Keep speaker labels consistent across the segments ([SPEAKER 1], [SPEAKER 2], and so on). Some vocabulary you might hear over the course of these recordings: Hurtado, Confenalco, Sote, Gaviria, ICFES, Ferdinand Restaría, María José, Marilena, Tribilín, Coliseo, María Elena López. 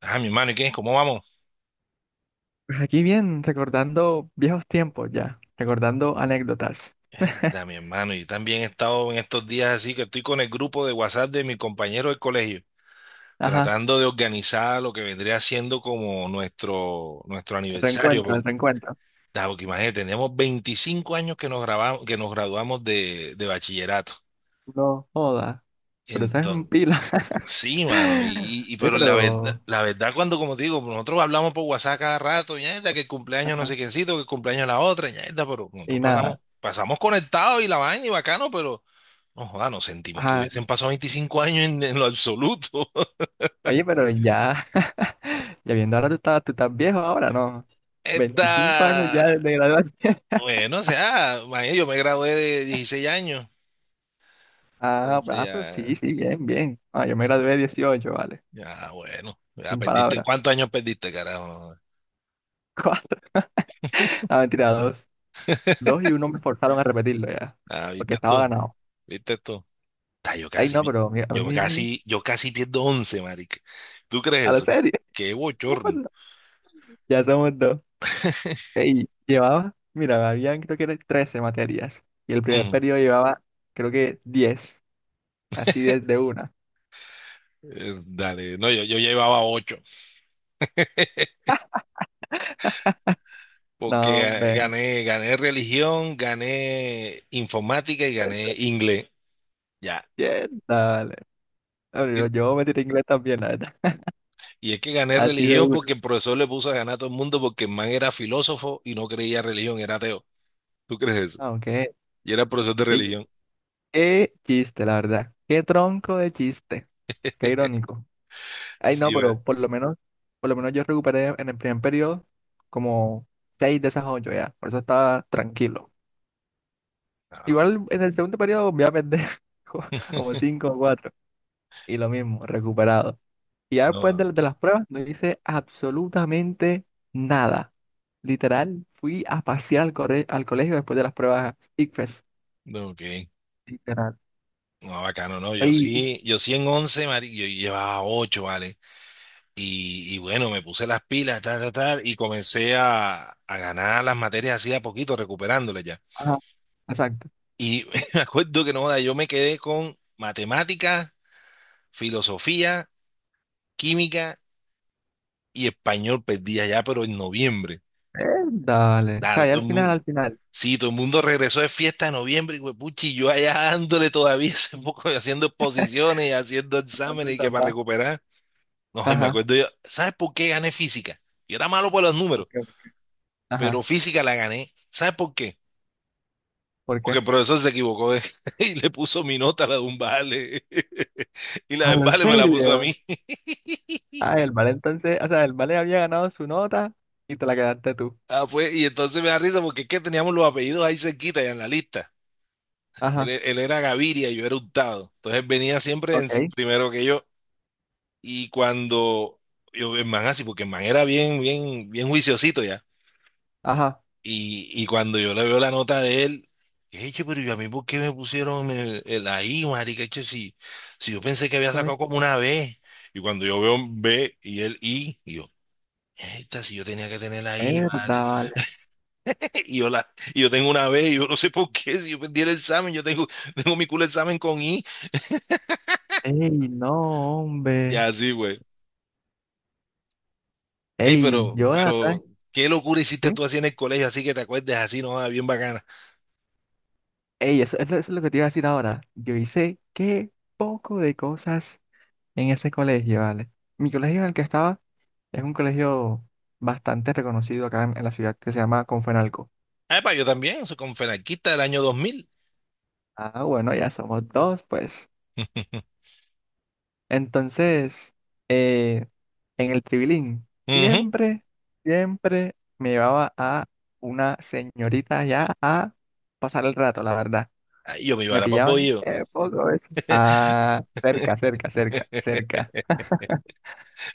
[SPEAKER 1] Ah, mi hermano, ¿y qué? ¿Cómo vamos?
[SPEAKER 2] Pues aquí bien, recordando viejos tiempos ya, recordando anécdotas.
[SPEAKER 1] Mierda, mi hermano, yo también he estado en estos días, así que estoy con el grupo de WhatsApp de mi compañero del colegio,
[SPEAKER 2] Ajá,
[SPEAKER 1] tratando de organizar lo que vendría siendo como nuestro aniversario,
[SPEAKER 2] reencuentro, el
[SPEAKER 1] porque,
[SPEAKER 2] reencuentro.
[SPEAKER 1] da, porque imagínate, tenemos 25 años que nos grabamos, que nos graduamos de bachillerato.
[SPEAKER 2] No joda, pero eso es un
[SPEAKER 1] Entonces.
[SPEAKER 2] pila.
[SPEAKER 1] Sí, mano, y, y- y
[SPEAKER 2] Sí,
[SPEAKER 1] pero la verdad,
[SPEAKER 2] pero,
[SPEAKER 1] cuando, como te digo, nosotros hablamos por WhatsApp cada rato, ñaeta, que el cumpleaños no
[SPEAKER 2] ajá,
[SPEAKER 1] sé quiéncito, que el cumpleaños la otra, ñaeta, pero
[SPEAKER 2] y
[SPEAKER 1] nosotros
[SPEAKER 2] nada.
[SPEAKER 1] pasamos conectados y la vaina y bacano, pero no joda, nos sentimos que
[SPEAKER 2] Ajá,
[SPEAKER 1] hubiesen pasado 25 años, en lo absoluto.
[SPEAKER 2] oye, pero ya, ya viendo ahora tú estás viejo ahora, ¿no? 25 años ya
[SPEAKER 1] Está,
[SPEAKER 2] de graduación.
[SPEAKER 1] bueno, o sea, imagínate, yo me gradué de 16 años,
[SPEAKER 2] Ah,
[SPEAKER 1] entonces
[SPEAKER 2] ah, pero
[SPEAKER 1] ya,
[SPEAKER 2] sí, sí, bien, bien. Ah, yo me gradué 18, vale,
[SPEAKER 1] ya, bueno, ya
[SPEAKER 2] sin
[SPEAKER 1] perdiste.
[SPEAKER 2] palabras.
[SPEAKER 1] ¿Cuántos años perdiste, carajo?
[SPEAKER 2] Ah, mentira, dos. Dos y uno me forzaron a repetirlo ya,
[SPEAKER 1] Ah,
[SPEAKER 2] porque
[SPEAKER 1] viste
[SPEAKER 2] estaba
[SPEAKER 1] tú,
[SPEAKER 2] ganado.
[SPEAKER 1] viste tú. Ta,
[SPEAKER 2] Ay, no, pero a mí,
[SPEAKER 1] yo casi pierdo once, marica. ¿Tú crees
[SPEAKER 2] a la
[SPEAKER 1] eso?
[SPEAKER 2] serie.
[SPEAKER 1] Qué
[SPEAKER 2] Somos
[SPEAKER 1] bochorno.
[SPEAKER 2] dos. Ya somos dos. Ey, llevaba, mira, habían creo que eran 13 materias. Y el primer
[SPEAKER 1] Ujú.
[SPEAKER 2] periodo llevaba, creo que 10. Así desde una.
[SPEAKER 1] Dale, no, yo llevaba 8 porque
[SPEAKER 2] No,
[SPEAKER 1] ga-
[SPEAKER 2] hombre,
[SPEAKER 1] gané, gané religión, gané informática y
[SPEAKER 2] pues.
[SPEAKER 1] gané inglés. Ya.
[SPEAKER 2] Bien, dale. No,
[SPEAKER 1] Y,
[SPEAKER 2] Yo me tiré inglés también, la verdad.
[SPEAKER 1] y es que gané
[SPEAKER 2] Así de
[SPEAKER 1] religión
[SPEAKER 2] una.
[SPEAKER 1] porque el profesor le puso a ganar a todo el mundo, porque el man era filósofo y no creía en religión, era ateo. ¿Tú crees eso?
[SPEAKER 2] Aunque,
[SPEAKER 1] Y era profesor de
[SPEAKER 2] ey,
[SPEAKER 1] religión.
[SPEAKER 2] qué chiste, la verdad. Qué tronco de chiste. Qué irónico. Ay, no,
[SPEAKER 1] Sí, ¿verdad?
[SPEAKER 2] pero por lo menos yo recuperé en el primer periodo como 6 de esas 8 ya. Por eso estaba tranquilo.
[SPEAKER 1] Ah,
[SPEAKER 2] Igual en el segundo periodo voy a perder co- como 5 o 4 y lo mismo, recuperado. Y ya después
[SPEAKER 1] no,
[SPEAKER 2] de las pruebas no hice absolutamente nada. Literal, fui a pasear al colegio después de las pruebas ICFES.
[SPEAKER 1] no, ok.
[SPEAKER 2] Literal.
[SPEAKER 1] No, bacano, no. Yo
[SPEAKER 2] Y,
[SPEAKER 1] sí, en 11 yo llevaba ocho, ¿vale? Y bueno, me puse las pilas, tal, tal, tal, y comencé a ganar las materias así a poquito, recuperándolas ya.
[SPEAKER 2] ajá, exacto.
[SPEAKER 1] Y me acuerdo que no, joda, yo me quedé con matemáticas, filosofía, química y español, perdía ya, pero en noviembre.
[SPEAKER 2] Eh, Dale. O
[SPEAKER 1] Claro,
[SPEAKER 2] sea, ya
[SPEAKER 1] todo
[SPEAKER 2] al
[SPEAKER 1] el
[SPEAKER 2] final,
[SPEAKER 1] mundo,
[SPEAKER 2] al final.
[SPEAKER 1] sí, todo el mundo regresó de fiesta en noviembre, y huepuchi, yo allá dándole todavía ese poco, haciendo exposiciones, haciendo
[SPEAKER 2] Tratando de
[SPEAKER 1] exámenes, y que para
[SPEAKER 2] salvar.
[SPEAKER 1] recuperar. No, y me
[SPEAKER 2] Ajá.
[SPEAKER 1] acuerdo yo, ¿sabes por qué gané física? Yo era malo por los
[SPEAKER 2] ¿Por
[SPEAKER 1] números,
[SPEAKER 2] qué?
[SPEAKER 1] pero
[SPEAKER 2] Ajá.
[SPEAKER 1] física la gané. ¿Sabes por qué?
[SPEAKER 2] ¿Por
[SPEAKER 1] Porque
[SPEAKER 2] qué?
[SPEAKER 1] el profesor se equivocó y le puso mi nota a la de un vale. Y la
[SPEAKER 2] Ah,
[SPEAKER 1] del
[SPEAKER 2] ¿en
[SPEAKER 1] vale me la puso a
[SPEAKER 2] serio?
[SPEAKER 1] mí.
[SPEAKER 2] Ah, el vale entonces, o sea, el vale había ganado su nota y te la quedaste tú.
[SPEAKER 1] Ah, pues, y entonces me da risa porque es que teníamos los apellidos ahí cerquita, ya en la lista. Él,
[SPEAKER 2] Ajá.
[SPEAKER 1] e- él era Gaviria y yo era Hurtado. Entonces venía siempre
[SPEAKER 2] Ok.
[SPEAKER 1] primero que yo. Y cuando yo, el man así, porque el man era bien, bien, bien juiciosito ya.
[SPEAKER 2] Ajá.
[SPEAKER 1] Y cuando yo le veo la nota de él, eche, pero yo, a mí, ¿por qué me pusieron el ahí, marica? Eche, si yo pensé que había
[SPEAKER 2] No,
[SPEAKER 1] sacado como una
[SPEAKER 2] no.
[SPEAKER 1] B. Y cuando yo veo un B y el I, y yo, esta, si yo tenía que tener la I, vale.
[SPEAKER 2] Verdad,
[SPEAKER 1] Y yo, y yo tengo una B, y yo no sé por qué, si yo perdí el examen, yo tengo, tengo mi culo examen con I.
[SPEAKER 2] ey, no,
[SPEAKER 1] Y
[SPEAKER 2] hombre.
[SPEAKER 1] así, güey. Ey,
[SPEAKER 2] Ey, yo la verdad,
[SPEAKER 1] qué locura hiciste
[SPEAKER 2] sí.
[SPEAKER 1] tú así en el colegio, así que te acuerdes. Así, no. Ah, bien bacana.
[SPEAKER 2] Ey, eso es lo que te iba a decir ahora. Yo hice qué poco de cosas en ese colegio, ¿vale? Mi colegio en el que estaba es un colegio bastante reconocido acá en la ciudad que se llama Confenalco.
[SPEAKER 1] Ah, pa, yo también, soy con fenarquista del año 2000.
[SPEAKER 2] Ah, bueno, ya somos dos, pues. Entonces, eh, en el Tribilín,
[SPEAKER 1] Ujú.
[SPEAKER 2] siempre me llevaba a una señorita ya a pasar el rato, la verdad.
[SPEAKER 1] Ay, yo me iba
[SPEAKER 2] Me
[SPEAKER 1] a para
[SPEAKER 2] pillaban,
[SPEAKER 1] Bohío.
[SPEAKER 2] poco a veces. Ah, cerca, cerca, cerca, cerca,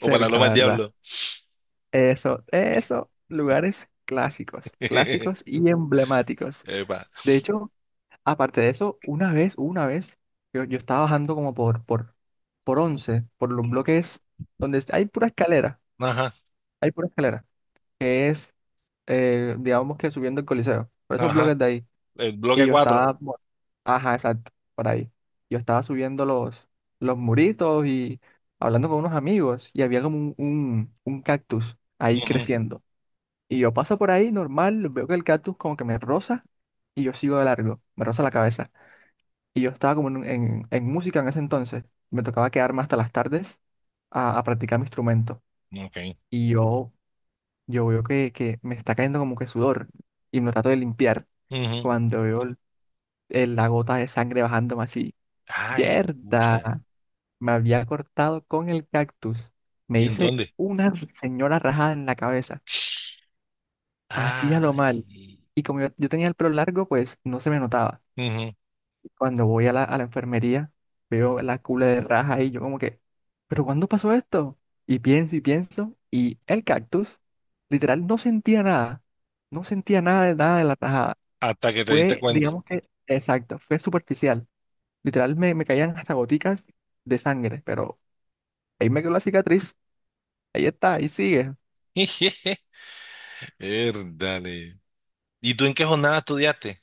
[SPEAKER 1] O para la Loma
[SPEAKER 2] la
[SPEAKER 1] del
[SPEAKER 2] verdad.
[SPEAKER 1] Diablo.
[SPEAKER 2] Eso, lugares clásicos, clásicos y emblemáticos.
[SPEAKER 1] Epa.
[SPEAKER 2] De hecho, aparte de eso, una vez, yo estaba bajando como por 11 por los
[SPEAKER 1] Ujú.
[SPEAKER 2] bloques donde
[SPEAKER 1] Ajá,
[SPEAKER 2] hay pura escalera, que es, digamos que subiendo el Coliseo, por esos
[SPEAKER 1] ajá.
[SPEAKER 2] bloques de ahí.
[SPEAKER 1] El
[SPEAKER 2] Y
[SPEAKER 1] bloque
[SPEAKER 2] yo
[SPEAKER 1] 4.
[SPEAKER 2] estaba, ajá, exacto, por ahí. Yo estaba subiendo los muritos y hablando con unos amigos y había como un cactus ahí creciendo. Y yo paso por ahí normal, veo que el cactus como que me roza y yo sigo de largo, me roza la cabeza. Y yo estaba como en música en ese entonces. Me tocaba quedarme hasta las tardes a practicar mi instrumento.
[SPEAKER 1] Ok.
[SPEAKER 2] Y yo veo que me está cayendo como que sudor y me lo trato de limpiar
[SPEAKER 1] Ujú.
[SPEAKER 2] cuando veo la gota de sangre bajándome así.
[SPEAKER 1] Ay, pucha.
[SPEAKER 2] Yerda, me había cortado con el cactus. Me
[SPEAKER 1] ¿Y en
[SPEAKER 2] hice
[SPEAKER 1] dónde?
[SPEAKER 2] una señora rajada en la cabeza. Hacía lo mal.
[SPEAKER 1] Ay.
[SPEAKER 2] Y como yo tenía el pelo largo, pues no se me notaba.
[SPEAKER 1] Ujú.
[SPEAKER 2] Cuando voy a la enfermería, veo la cule de raja y yo como que, ¿pero cuándo pasó esto? Y pienso y pienso, y el cactus, literal, no sentía nada. No sentía nada de nada de la rajada.
[SPEAKER 1] Hasta que te diste
[SPEAKER 2] Fue,
[SPEAKER 1] cuenta.
[SPEAKER 2] digamos que, exacto, fue superficial. Literal, me caían hasta goticas de sangre, pero ahí me quedó la cicatriz. Ahí está, ahí sigue.
[SPEAKER 1] Dale. ¿Y tú en qué jornada estudiaste?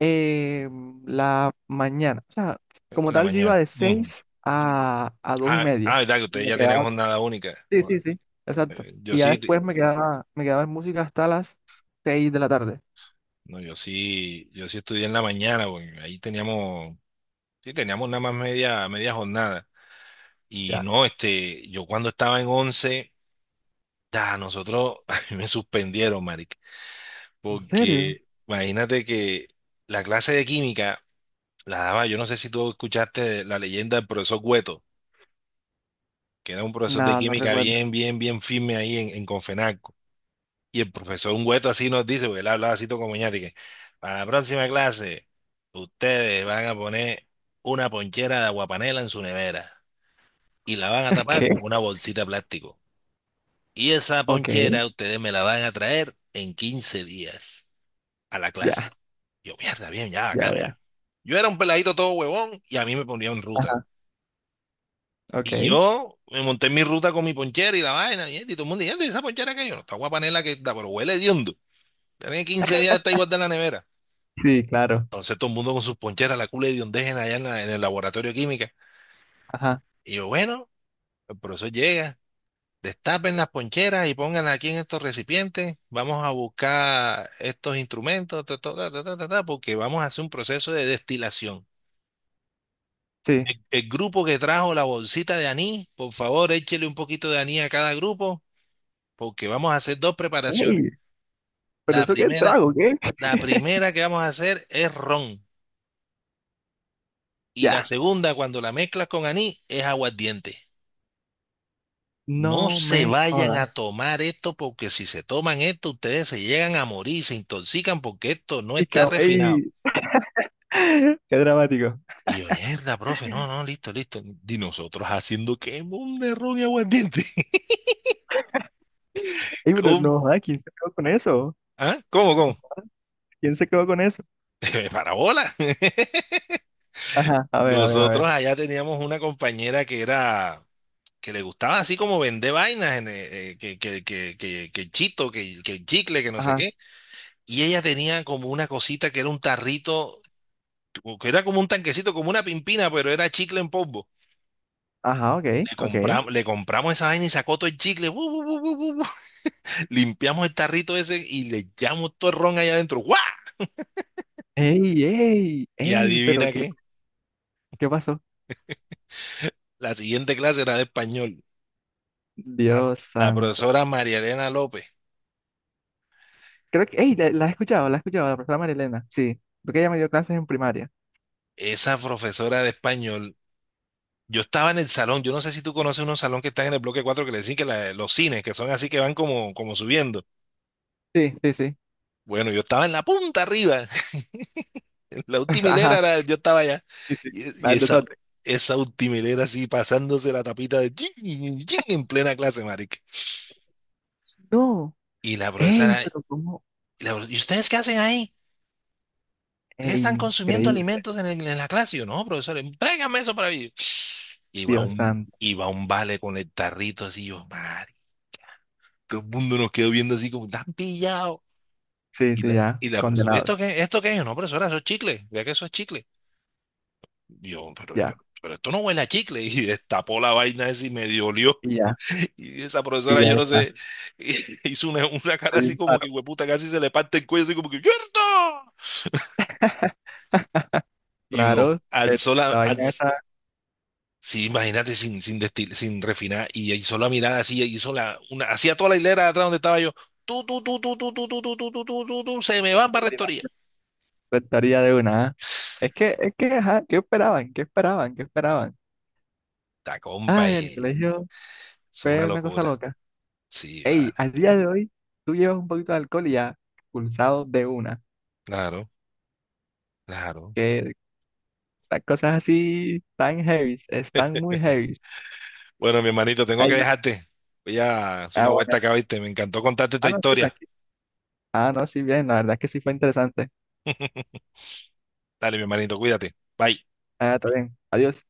[SPEAKER 2] Eh, la mañana. O sea,
[SPEAKER 1] En
[SPEAKER 2] como
[SPEAKER 1] la
[SPEAKER 2] tal, yo
[SPEAKER 1] mañana.
[SPEAKER 2] iba de
[SPEAKER 1] Ujú.
[SPEAKER 2] 6 a 2 y
[SPEAKER 1] Ah, ah,
[SPEAKER 2] media.
[SPEAKER 1] verdad que
[SPEAKER 2] Y
[SPEAKER 1] ustedes
[SPEAKER 2] me
[SPEAKER 1] ya tienen
[SPEAKER 2] quedaba.
[SPEAKER 1] jornada única.
[SPEAKER 2] Sí, sí,
[SPEAKER 1] Joda.
[SPEAKER 2] sí. Exacto.
[SPEAKER 1] Yo
[SPEAKER 2] Y ya
[SPEAKER 1] sí,
[SPEAKER 2] después me quedaba, en música hasta las 6 de la tarde.
[SPEAKER 1] no, yo sí estudié en la mañana, porque ahí teníamos... Sí, teníamos nada más media, jornada. Y
[SPEAKER 2] Ya.
[SPEAKER 1] no, este, yo cuando estaba en 11 da, nosotros, a mí me suspendieron, marica.
[SPEAKER 2] ¿En serio?
[SPEAKER 1] Porque imagínate que la clase de química la daba... Yo no sé si tú escuchaste la leyenda del profesor Güeto, que era un profesor de
[SPEAKER 2] No, no
[SPEAKER 1] química
[SPEAKER 2] recuerdo.
[SPEAKER 1] bien, bien, bien firme ahí en Confenalco. Y el profesor Güeto así nos dice, porque él hablaba así todo como ñate, que para la próxima clase, ustedes van a poner una ponchera de aguapanela en su nevera, y la van a tapar con
[SPEAKER 2] ¿Qué?
[SPEAKER 1] una bolsita de plástico. Y esa
[SPEAKER 2] Ok.
[SPEAKER 1] ponchera ustedes me la van a traer en 15 días a la
[SPEAKER 2] Ya,
[SPEAKER 1] clase. Yo, mierda, bien, ya,
[SPEAKER 2] ya,
[SPEAKER 1] bacano, ya.
[SPEAKER 2] ya.
[SPEAKER 1] Yo era un peladito todo huevón y a mí me ponía en ruta.
[SPEAKER 2] Ajá.
[SPEAKER 1] Y
[SPEAKER 2] Ok.
[SPEAKER 1] yo me monté en mi ruta con mi ponchera y la vaina, y todo el mundo, y esa ponchera que yo, no, está guapanela que está, pero huele hediondo. Tiene 15 días, está igual de en la nevera.
[SPEAKER 2] Sí, claro.
[SPEAKER 1] Entonces todo el mundo con sus poncheras, la cula de hediondez allá en en el laboratorio de química.
[SPEAKER 2] Ajá.
[SPEAKER 1] Y yo, bueno, el profesor llega: destapen las poncheras y pónganlas aquí en estos recipientes. Vamos a buscar estos instrumentos, ta, ta, ta, ta, ta, ta, ta, porque vamos a hacer un proceso de destilación.
[SPEAKER 2] Sí.
[SPEAKER 1] El grupo que trajo la bolsita de anís, por favor, échele un poquito de anís a cada grupo, porque vamos a hacer dos preparaciones.
[SPEAKER 2] Ey, pero
[SPEAKER 1] La
[SPEAKER 2] eso qué
[SPEAKER 1] primera,
[SPEAKER 2] trago, ¿qué?
[SPEAKER 1] que vamos a hacer es ron, y la
[SPEAKER 2] Ya.
[SPEAKER 1] segunda, cuando la mezclas con anís, es aguardiente. No
[SPEAKER 2] No
[SPEAKER 1] se
[SPEAKER 2] me
[SPEAKER 1] vayan a
[SPEAKER 2] jodas.
[SPEAKER 1] tomar esto, porque si se toman esto, ustedes se llegan a morir, se intoxican porque esto no
[SPEAKER 2] Y que,
[SPEAKER 1] está refinado.
[SPEAKER 2] ey, qué dramático.
[SPEAKER 1] Y yo, mierda, profe, no, no, listo, listo. Y nosotros haciendo que mon de ron y aguardiente.
[SPEAKER 2] Ey, pero
[SPEAKER 1] ¿Cómo?
[SPEAKER 2] no, ay, ¿quién se quedó con eso?
[SPEAKER 1] ¿Ah? ¿Cómo, cómo?
[SPEAKER 2] ¿Quién se quedó con eso?
[SPEAKER 1] Parabola.
[SPEAKER 2] Ajá, a ver, a ver, a
[SPEAKER 1] Nosotros
[SPEAKER 2] ver.
[SPEAKER 1] allá teníamos una compañera que era... Que le gustaba así como vender vainas, en, que el chito, que el chicle, que no sé
[SPEAKER 2] Ajá,
[SPEAKER 1] qué. Y ella tenía como una cosita que era un tarrito, o que era como un tanquecito, como una pimpina, pero era chicle en polvo.
[SPEAKER 2] ajá, ok, ok.
[SPEAKER 1] Le compramos esa vaina y sacó todo el chicle, bu, bu, bu, bu, bu, bu. Limpiamos el tarrito ese y le echamos todo el ron allá adentro. ¡Guau!
[SPEAKER 2] Ey, ey,
[SPEAKER 1] Y
[SPEAKER 2] ey, pero
[SPEAKER 1] adivina
[SPEAKER 2] ¿qué,
[SPEAKER 1] qué,
[SPEAKER 2] qué pasó?
[SPEAKER 1] la siguiente clase era de español.
[SPEAKER 2] Dios
[SPEAKER 1] La
[SPEAKER 2] santo.
[SPEAKER 1] profesora María Elena López,
[SPEAKER 2] Creo que, ey, la he escuchado, la he escuchado, la profesora Marilena, sí. Porque ella me dio clases en primaria.
[SPEAKER 1] esa profesora de español... Yo estaba en el salón. Yo no sé si tú conoces unos salón que están en el bloque cuatro, que le dicen que los cines, que son así, que van como, como subiendo.
[SPEAKER 2] Sí, sí, sí.
[SPEAKER 1] Bueno, yo estaba en la punta arriba. La última hilera
[SPEAKER 2] Ajá,
[SPEAKER 1] era, yo estaba allá.
[SPEAKER 2] sí, sí.
[SPEAKER 1] Y,
[SPEAKER 2] La
[SPEAKER 1] y
[SPEAKER 2] de
[SPEAKER 1] esa,
[SPEAKER 2] Sote.
[SPEAKER 1] esa última hilera así pasándose la tapita de chin, chin, chin, en plena clase, marica.
[SPEAKER 2] No,
[SPEAKER 1] Y la
[SPEAKER 2] ey,
[SPEAKER 1] profesora, y
[SPEAKER 2] pero ¿cómo?
[SPEAKER 1] ¿y ustedes qué hacen ahí? ¿Ustedes están
[SPEAKER 2] Ey,
[SPEAKER 1] consumiendo
[SPEAKER 2] increíble,
[SPEAKER 1] alimentos en en la clase? Y yo, no, profesor, tráigame eso para mí.
[SPEAKER 2] Dios santo.
[SPEAKER 1] Iba un vale con el tarrito así, yo, marica. Todo el mundo nos quedó viendo así como, tan pillado.
[SPEAKER 2] Sí, sí, ya,
[SPEAKER 1] Y la profesora,
[SPEAKER 2] condenados,
[SPEAKER 1] esto qué es? No, profesora, eso es chicle. Vea que eso es chicle. Yo,
[SPEAKER 2] ya,
[SPEAKER 1] pero esto no huele a chicle. Y destapó la vaina esa y me dolió.
[SPEAKER 2] y ya,
[SPEAKER 1] Y esa
[SPEAKER 2] y
[SPEAKER 1] profesora,
[SPEAKER 2] ya
[SPEAKER 1] yo no
[SPEAKER 2] está.
[SPEAKER 1] sé, hizo una cara
[SPEAKER 2] Le di
[SPEAKER 1] así
[SPEAKER 2] un
[SPEAKER 1] como que,
[SPEAKER 2] paro.
[SPEAKER 1] hueputa, casi se le parte el cuello, así como que, ¡cierto! Y uno
[SPEAKER 2] Claro, eh,
[SPEAKER 1] alzó la.
[SPEAKER 2] la vaina
[SPEAKER 1] alz-
[SPEAKER 2] esa
[SPEAKER 1] Sí, imagínate, sin refinar. Y hizo la mirada así, hizo la... Una, hacía toda la hilera de atrás donde estaba yo. Tú, se me van para
[SPEAKER 2] Ferdinand
[SPEAKER 1] rectoría.
[SPEAKER 2] Restaría de una, ¿ah? Es que, ajá, ¿qué esperaban? ¿Qué esperaban? ¿Qué esperaban?
[SPEAKER 1] Ta, compa,
[SPEAKER 2] Ah,
[SPEAKER 1] y,
[SPEAKER 2] el colegio
[SPEAKER 1] es una
[SPEAKER 2] fue una cosa
[SPEAKER 1] locura.
[SPEAKER 2] loca.
[SPEAKER 1] Sí,
[SPEAKER 2] Ey,
[SPEAKER 1] vale.
[SPEAKER 2] al día de hoy, tú llevas un poquito de alcohol y ya expulsado de una.
[SPEAKER 1] Claro, claro.
[SPEAKER 2] Que las cosas así tan heavy, están muy heavy.
[SPEAKER 1] Bueno, mi hermanito, tengo que
[SPEAKER 2] Ay,
[SPEAKER 1] dejarte. Voy a hacer
[SPEAKER 2] ah,
[SPEAKER 1] una
[SPEAKER 2] bueno.
[SPEAKER 1] vuelta acá, ¿viste? Me encantó contarte esta
[SPEAKER 2] Ah, no, sí,
[SPEAKER 1] historia.
[SPEAKER 2] tranquilo. Ah, no, sí, bien, la verdad es que sí fue interesante.
[SPEAKER 1] Dale, mi hermanito, cuídate. Bye.
[SPEAKER 2] Ah, está bien. Adiós.